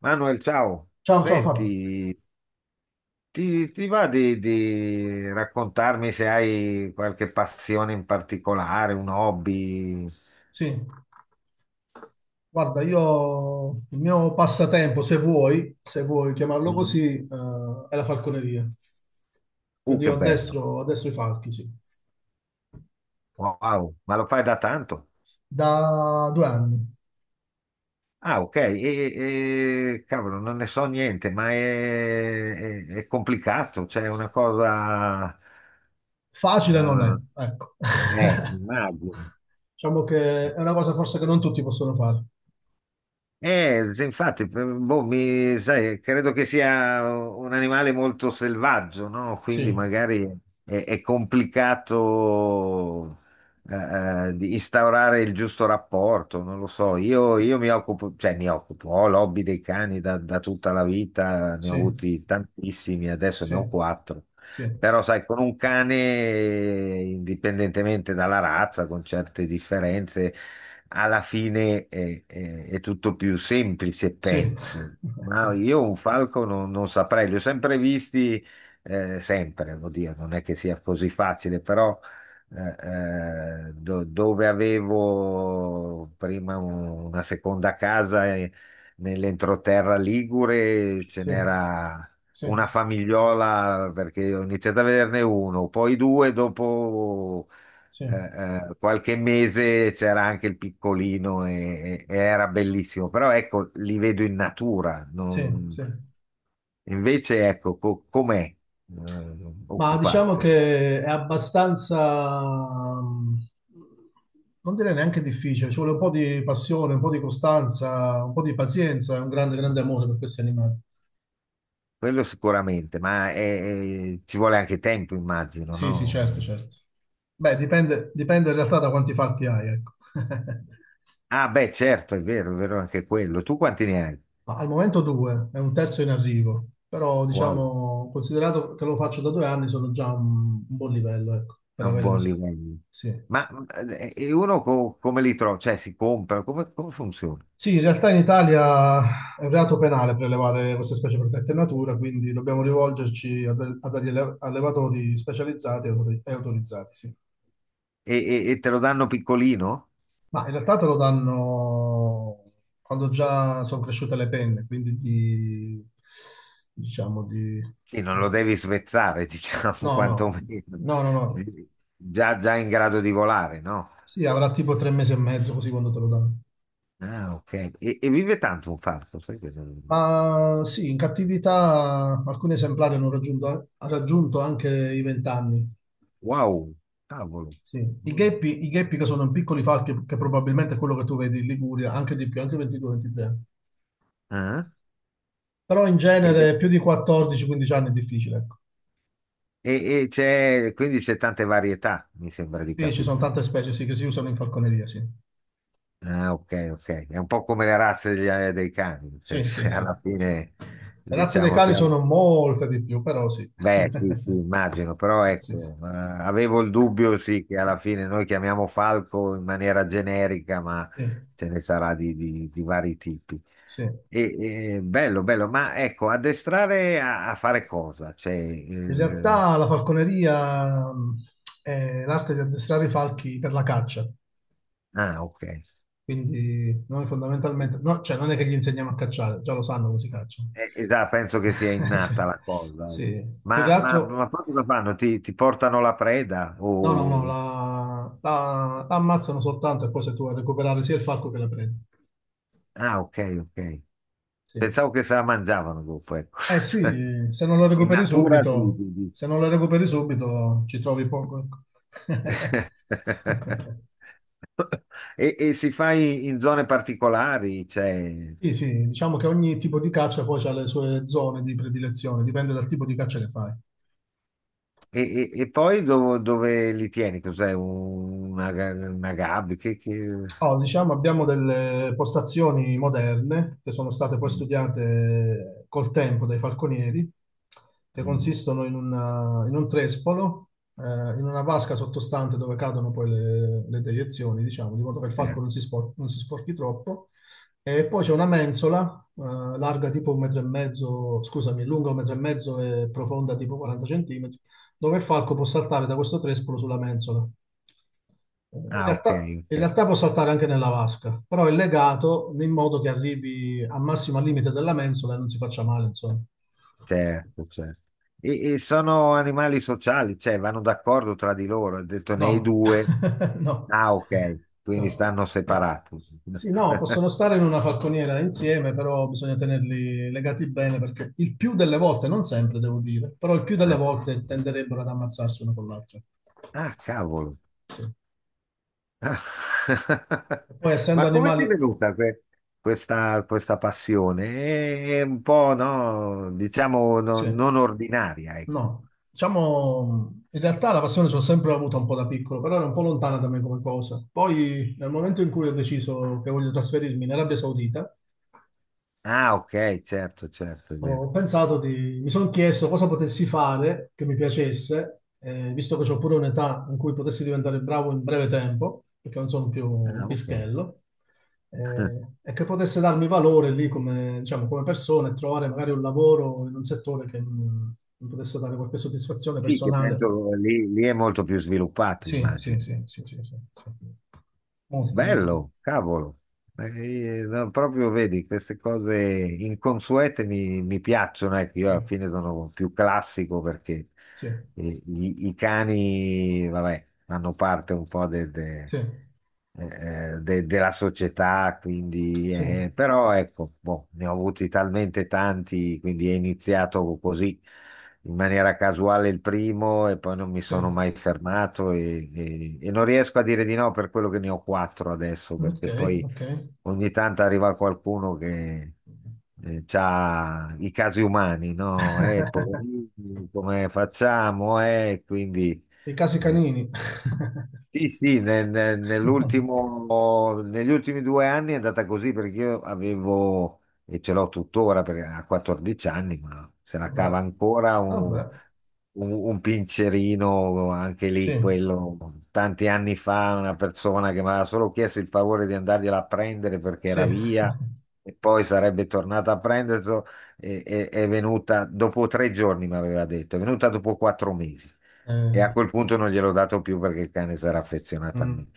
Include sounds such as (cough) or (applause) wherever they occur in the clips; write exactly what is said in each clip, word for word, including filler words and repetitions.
Manuel, ciao. Ciao, ciao Fabio. Senti, ti, ti va di, di raccontarmi se hai qualche passione in particolare, un hobby? Sì, guarda, io il mio passatempo, se vuoi, se vuoi chiamarlo Mm. così, eh, è la falconeria. Uh, Quindi che io bello. addestro, addestro i falchi, sì. Wow, ma lo fai da tanto? Da due anni. Ah, ok. E, e- cavolo, non ne so niente, ma è, è- è complicato, cioè è una cosa. Facile non è, ecco. eh, eh, (laughs) Immagino. Diciamo che è una cosa forse che non tutti possono fare. Eh, sì, infatti, p- boh, mi- sai, credo che sia un animale molto selvaggio, no? Quindi Sì, magari è, è complicato eh, eh, di instaurare il giusto rapporto, non lo so. Io, io mi occupo, cioè mi occupo, ho l'hobby dei cani da, da tutta la vita, ne ho sì, avuti tantissimi, adesso ne sì, ho quattro. sì, Però, sai, con un cane, indipendentemente dalla razza, con certe differenze alla fine è, è- è tutto più semplice, sì, penso. (laughs) sì, Ma io un falco non, non saprei, li ho sempre visti, eh, sempre, vuol dire, non è che sia così facile, però eh, eh, do- dove avevo prima un- una seconda casa eh, nell'entroterra Ligure ce sì, n'era sì, una famigliola perché ho iniziato a vederne uno, poi due dopo sì, eh, eh, qualche mese c'era anche il piccolino e, e- e era bellissimo, però ecco, li vedo in natura. sì, non- sì. Invece, ecco, co- com'è eh, Ma diciamo occuparsene? che è abbastanza, mm, non direi neanche difficile, ci vuole un po' di passione, un po' di costanza, un po' di pazienza e un grande, grande amore per questi animali. Quello sicuramente, ma è- è- ci vuole anche tempo, immagino, Sì, sì, no? certo, certo. Beh, dipende, dipende in realtà da quanti fatti hai, ecco. (laughs) Ah, beh, certo, è vero, è vero anche quello. Tu quanti ne hai? Ma al momento due, è un terzo in arrivo, però Wow, diciamo, considerato che lo faccio da due anni, sono già un, un buon livello, ecco, è per un avere buon così. livello. Sì. Ma eh, e uno co- come li trova? Cioè, si compra? Come, come funziona? Sì, in realtà in Italia è un reato penale prelevare queste specie protette in natura, quindi dobbiamo rivolgerci a, de- a degli alle- allevatori specializzati e autori- e autorizzati, sì. E, e- e te lo danno piccolino? Ma in realtà te lo danno quando già sono cresciute le penne, quindi di, diciamo di. Sì, non lo devi svezzare, (laughs) diciamo, No, no, quantomeno. no, no, no. Già, già in grado di volare, no? Sì, avrà tipo tre mesi e mezzo così quando te lo danno. Ah, ok. E, e vive tanto un falco, sai che non- Ma sì, in cattività alcuni esemplari hanno raggiunto, ha raggiunto anche i venti anni. Wow, cavolo. Sì, I Mm. gheppi, i gheppi che sono piccoli falchi, che probabilmente è quello che tu vedi in Liguria, anche di più, anche ventidue ventitré. Ah. Però in ed è- genere più di quattordici a quindici anni è difficile, ecco. E, e c'è, Quindi c'è tante varietà, mi sembra di Sì, ci sono capire. tante specie, sì, che si usano in falconeria, sì. Ah, ok, ok. È un po' come le razze degli- eh, dei cani, cioè, (laughs) Sì, sì, se sì, alla sì. fine, Le razze dei diciamo, cani sono siamo. molte di più, però sì. Beh, sì, sì, (laughs) immagino, però Sì, sì. ecco, eh, avevo il dubbio, sì, che alla fine noi chiamiamo falco in maniera generica, ma Sì, ce ne sarà di, di- di vari tipi. sì. E, e, bello, bello, ma ecco, addestrare a, a fare cosa? Cioè, In eh, realtà la falconeria mh, è l'arte di addestrare i falchi per la caccia. ah, ok. Quindi noi fondamentalmente, no, cioè non è che gli insegniamo a cacciare, già lo sanno come si caccia. Eh, esatto, penso che sia (laughs) Sì, innata la cosa. sì. Più che Ma, ma, altro, ma poi cosa fanno? Ti, ti portano la preda? no, no, no, O... la, la- la ammazzano soltanto e poi sei tu a recuperare sia il falco che la preda. Ah, ok, ok. Sì. Pensavo che se la mangiavano dopo, ecco. Eh (laughs) sì, se non lo In recuperi natura sì, subito, sì, sì. se non lo recuperi subito ci trovi poco, ecco. (laughs) (laughs) E, e si fa in, in zone particolari, cioè, Sì, sì, diciamo che ogni tipo di caccia poi ha le sue zone di predilezione, dipende dal tipo di caccia che fai. e, e- e poi do- dove li tieni? Cos'è? Una, ga- una gabbia? Che, che... Oh, diciamo, abbiamo delle postazioni moderne che sono state poi Mm, studiate col tempo dai falconieri, che mm, consistono in, una- in un trespolo, eh, in una vasca sottostante dove cadono poi le, le deiezioni, diciamo, di modo che il falco certo. non si, spor- non si sporchi troppo. E poi c'è una mensola, eh, larga tipo un metro e mezzo, scusami, lunga un metro e mezzo e profonda tipo quaranta centimetri, dove il falco può saltare da questo trespolo sulla mensola. Eh, In Ah, ok, realtà, in ok, realtà può saltare anche nella vasca, però è legato in modo che arrivi al massimo al limite della mensola e non si faccia male, insomma. certo, certo. E, e sono animali sociali, cioè vanno d'accordo tra di loro. Ha detto ne hai No, due. (laughs) no, Ah, ok, quindi no. stanno separati. Sì, no, possono stare in una falconiera insieme, però bisogna tenerli legati bene perché il più delle volte, non sempre devo dire, però il più delle (laughs) volte tenderebbero ad ammazzarsi uno con l'altro. Ah, cavolo. Sì. Ah. E poi (laughs) essendo Ma come animali, ti è venuta que- questa, questa passione? È un po', no, diciamo, no- sì, non ordinaria, ecco. no, diciamo, in realtà la passione ce l'ho sempre avuta un po' da piccolo, però era un po' lontana da me come cosa. Poi, nel momento in cui ho deciso che voglio trasferirmi in Arabia Saudita, Ah, ok, certo, certo, è vero. ho pensato di, mi sono chiesto cosa potessi fare che mi piacesse, eh, visto che ho pure un'età in cui potessi diventare bravo in breve tempo, perché non sono più un Ah, ok. pischello, eh, e che potesse darmi valore lì come, diciamo, come persona e trovare magari un lavoro in un settore che mi, mi potesse dare qualche soddisfazione Sì, che personale. penso lì, lì è molto più sviluppato, Sì, sì, immagino. sì, sì, sì, sì, sì. Molto, molto. Bello, cavolo. Eh, eh, no, proprio vedi, queste cose inconsuete mi, mi piacciono, ecco, io Sì, alla fine sono più classico perché sì, eh, i, i cani, vabbè, fanno parte un po' de- de- sì, eh, de- della società, quindi, sì, eh, però ecco, boh, ne ho avuti talmente tanti, quindi è iniziato così in maniera casuale il primo e poi non mi sì. sono mai fermato e, e- e non riesco a dire di no per quello che ne ho quattro adesso, Ok, perché poi ok. ogni tanto arriva qualcuno che ha i casi umani, no? Eh, (laughs) poverini, come facciamo? Eh, quindi... I casi eh, canini. sì, sì, nel- nel- (laughs) nell'ultimo, negli ultimi due anni è andata così perché io avevo, e ce l'ho tuttora perché ha quattordici anni, ma se la cava Vabbè, ancora un, vabbè, un- un pincerino, anche lì sì, quello, tanti anni fa una persona che mi aveva solo chiesto il favore di andargliela a prendere perché sì, era via e poi sarebbe tornata a prenderlo, e- e- è venuta dopo tre giorni, mi aveva detto, è venuta dopo quattro mesi. E eh, a quel punto non gliel'ho dato più perché il cane si era affezionato a me. mm,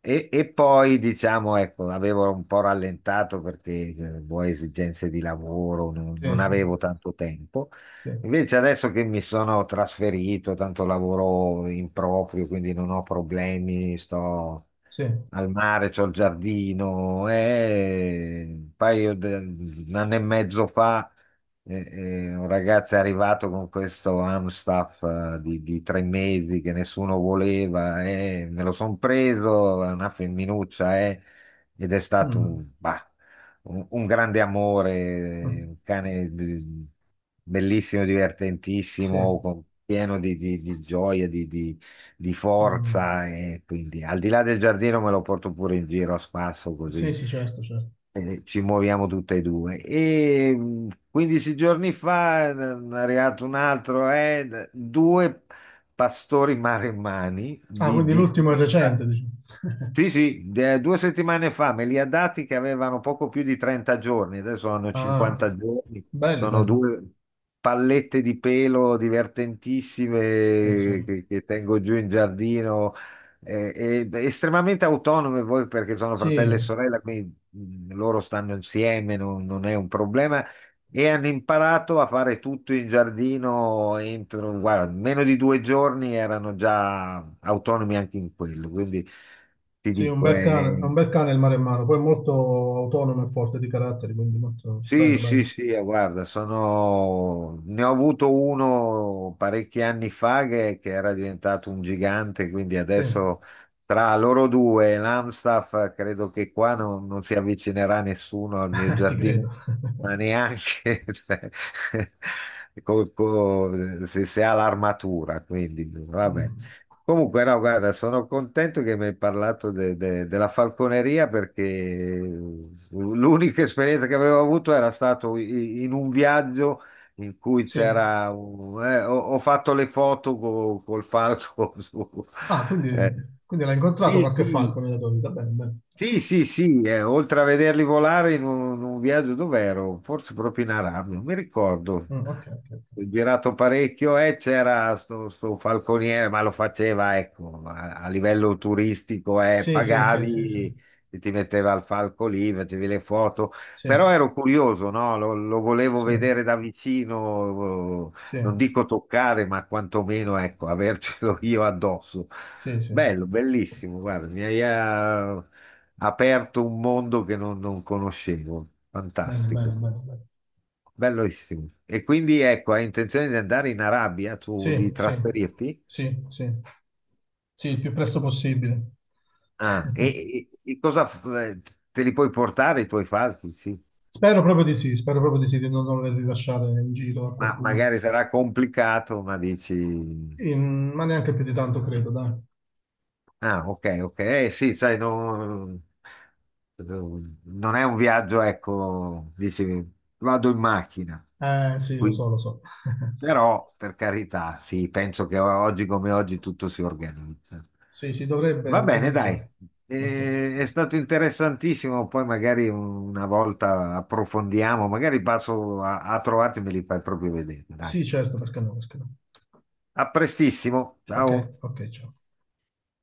E, e poi, diciamo, ecco, avevo un po' rallentato perché eh, boh, esigenze di lavoro, non, sì, non sì, avevo tanto tempo. sì, Invece adesso che mi sono trasferito, tanto lavoro in proprio, quindi non ho problemi, sto sì, al mare, c'ho il giardino, e un paio di un anno e mezzo fa eh, eh, un ragazzo è arrivato con questo Amstaff eh, di, di tre mesi che nessuno voleva, eh, me lo son preso, è una femminuccia, eh, ed è stato un, mm, bah, un- un grande amore, mm, un cane di- bellissimo, sì, divertentissimo, con- pieno di, di- di gioia, di, di- di mm, forza, e quindi al di là del giardino me lo porto pure in giro a spasso sì, così. sì, certo, certo. Eh, Ci muoviamo tutte e due. E mh, quindici giorni fa n- è arrivato un altro, eh, d- due pastori maremmani Ah, di, quindi di l'ultimo è quaranta. recente, dici. (laughs) Sì, sì, de- due settimane fa me li ha dati che avevano poco più di trenta giorni, adesso hanno Ah, cinquanta giorni, belli, sono belli. due pallette di pelo Sì, sì. divertentissime che, che tengo giù in giardino, eh, e- estremamente autonome voi perché sono Sì, fratello e sorella, quindi mh, loro stanno insieme, non, non è un problema, e hanno imparato a fare tutto in giardino entro, guarda, meno di due giorni erano già autonomi anche in quello. Quindi ti sì, un dico. bel cane, è È un bel cane il maremmano, poi è molto autonomo e forte di caratteri, quindi molto bello, Sì, sì, bello. sì, eh, guarda, sono. Ne ho avuto uno parecchi anni fa che, che era diventato un gigante, quindi Sì, adesso tra loro due e l'Amstaff eh, credo che qua non, non si avvicinerà nessuno al mio (laughs) ti giardino, credo. (laughs) ma neanche (laughs) cioè, (laughs) co- co- se, se ha l'armatura, quindi vabbè. Mm, Comunque, no, guarda, sono contento che mi hai parlato de- de- della falconeria perché l'unica esperienza che avevo avuto era stato i- in un viaggio in cui sì, c'era un- eh, ho, ho fatto le foto co- col falco (laughs) su- ah, quindi, eh, quindi l'ha incontrato sì, qualche sì, falco nella tua vita, bene, bene. sì, sì, sì, eh, oltre a vederli volare in un, in un viaggio dov'ero, forse proprio in Arabia, non mi ricordo. Mm, ok, ok, Ho ok. girato parecchio e c'era sto, sto falconiere, ma lo faceva, ecco, a, a livello turistico, eh, Sì, sì, sì, sì, sì, pagavi e ti metteva al falco lì, facevi le foto, sì, però ero curioso, no? Lo, lo volevo sì, vedere da vicino, eh, sì, non dico toccare, ma quantomeno, ecco, avercelo (laughs) io addosso. sì, sì, sì. Bello, bellissimo, guarda, mi hai... eh, aperto un mondo che non, non conoscevo. Bene, bene, Fantastico, bene, bene. bellissimo. E quindi ecco, hai intenzione di andare in Arabia, tu di Sì, sì, trasferirti? sì, sì, sì, il più presto possibile. Ah, (laughs) e, e- e cosa f- eh, te li puoi portare i tuoi falchi? Sì, Spero proprio di sì, spero proprio di sì, di non dover rilasciare in giro a ma qualcuno. magari sarà complicato, ma dici. Sì, mm, ma neanche più di tanto, credo, dai. Ah, ok, ok. Eh, sì, sai, non, non è un viaggio, ecco, dici, vado in macchina. Eh, sì, lo Qui. so, lo so. (laughs) Però, per carità, sì, penso che oggi come oggi tutto si organizza. Sì, si dovrebbe Va bene, dai. organizzare. Ok. Eh, è stato interessantissimo. Poi magari una volta approfondiamo, magari passo a, a trovarti e me li fai proprio vedere. Dai. Sì, certo, perché no, perché no. A prestissimo, Ok, ciao. ok, ciao.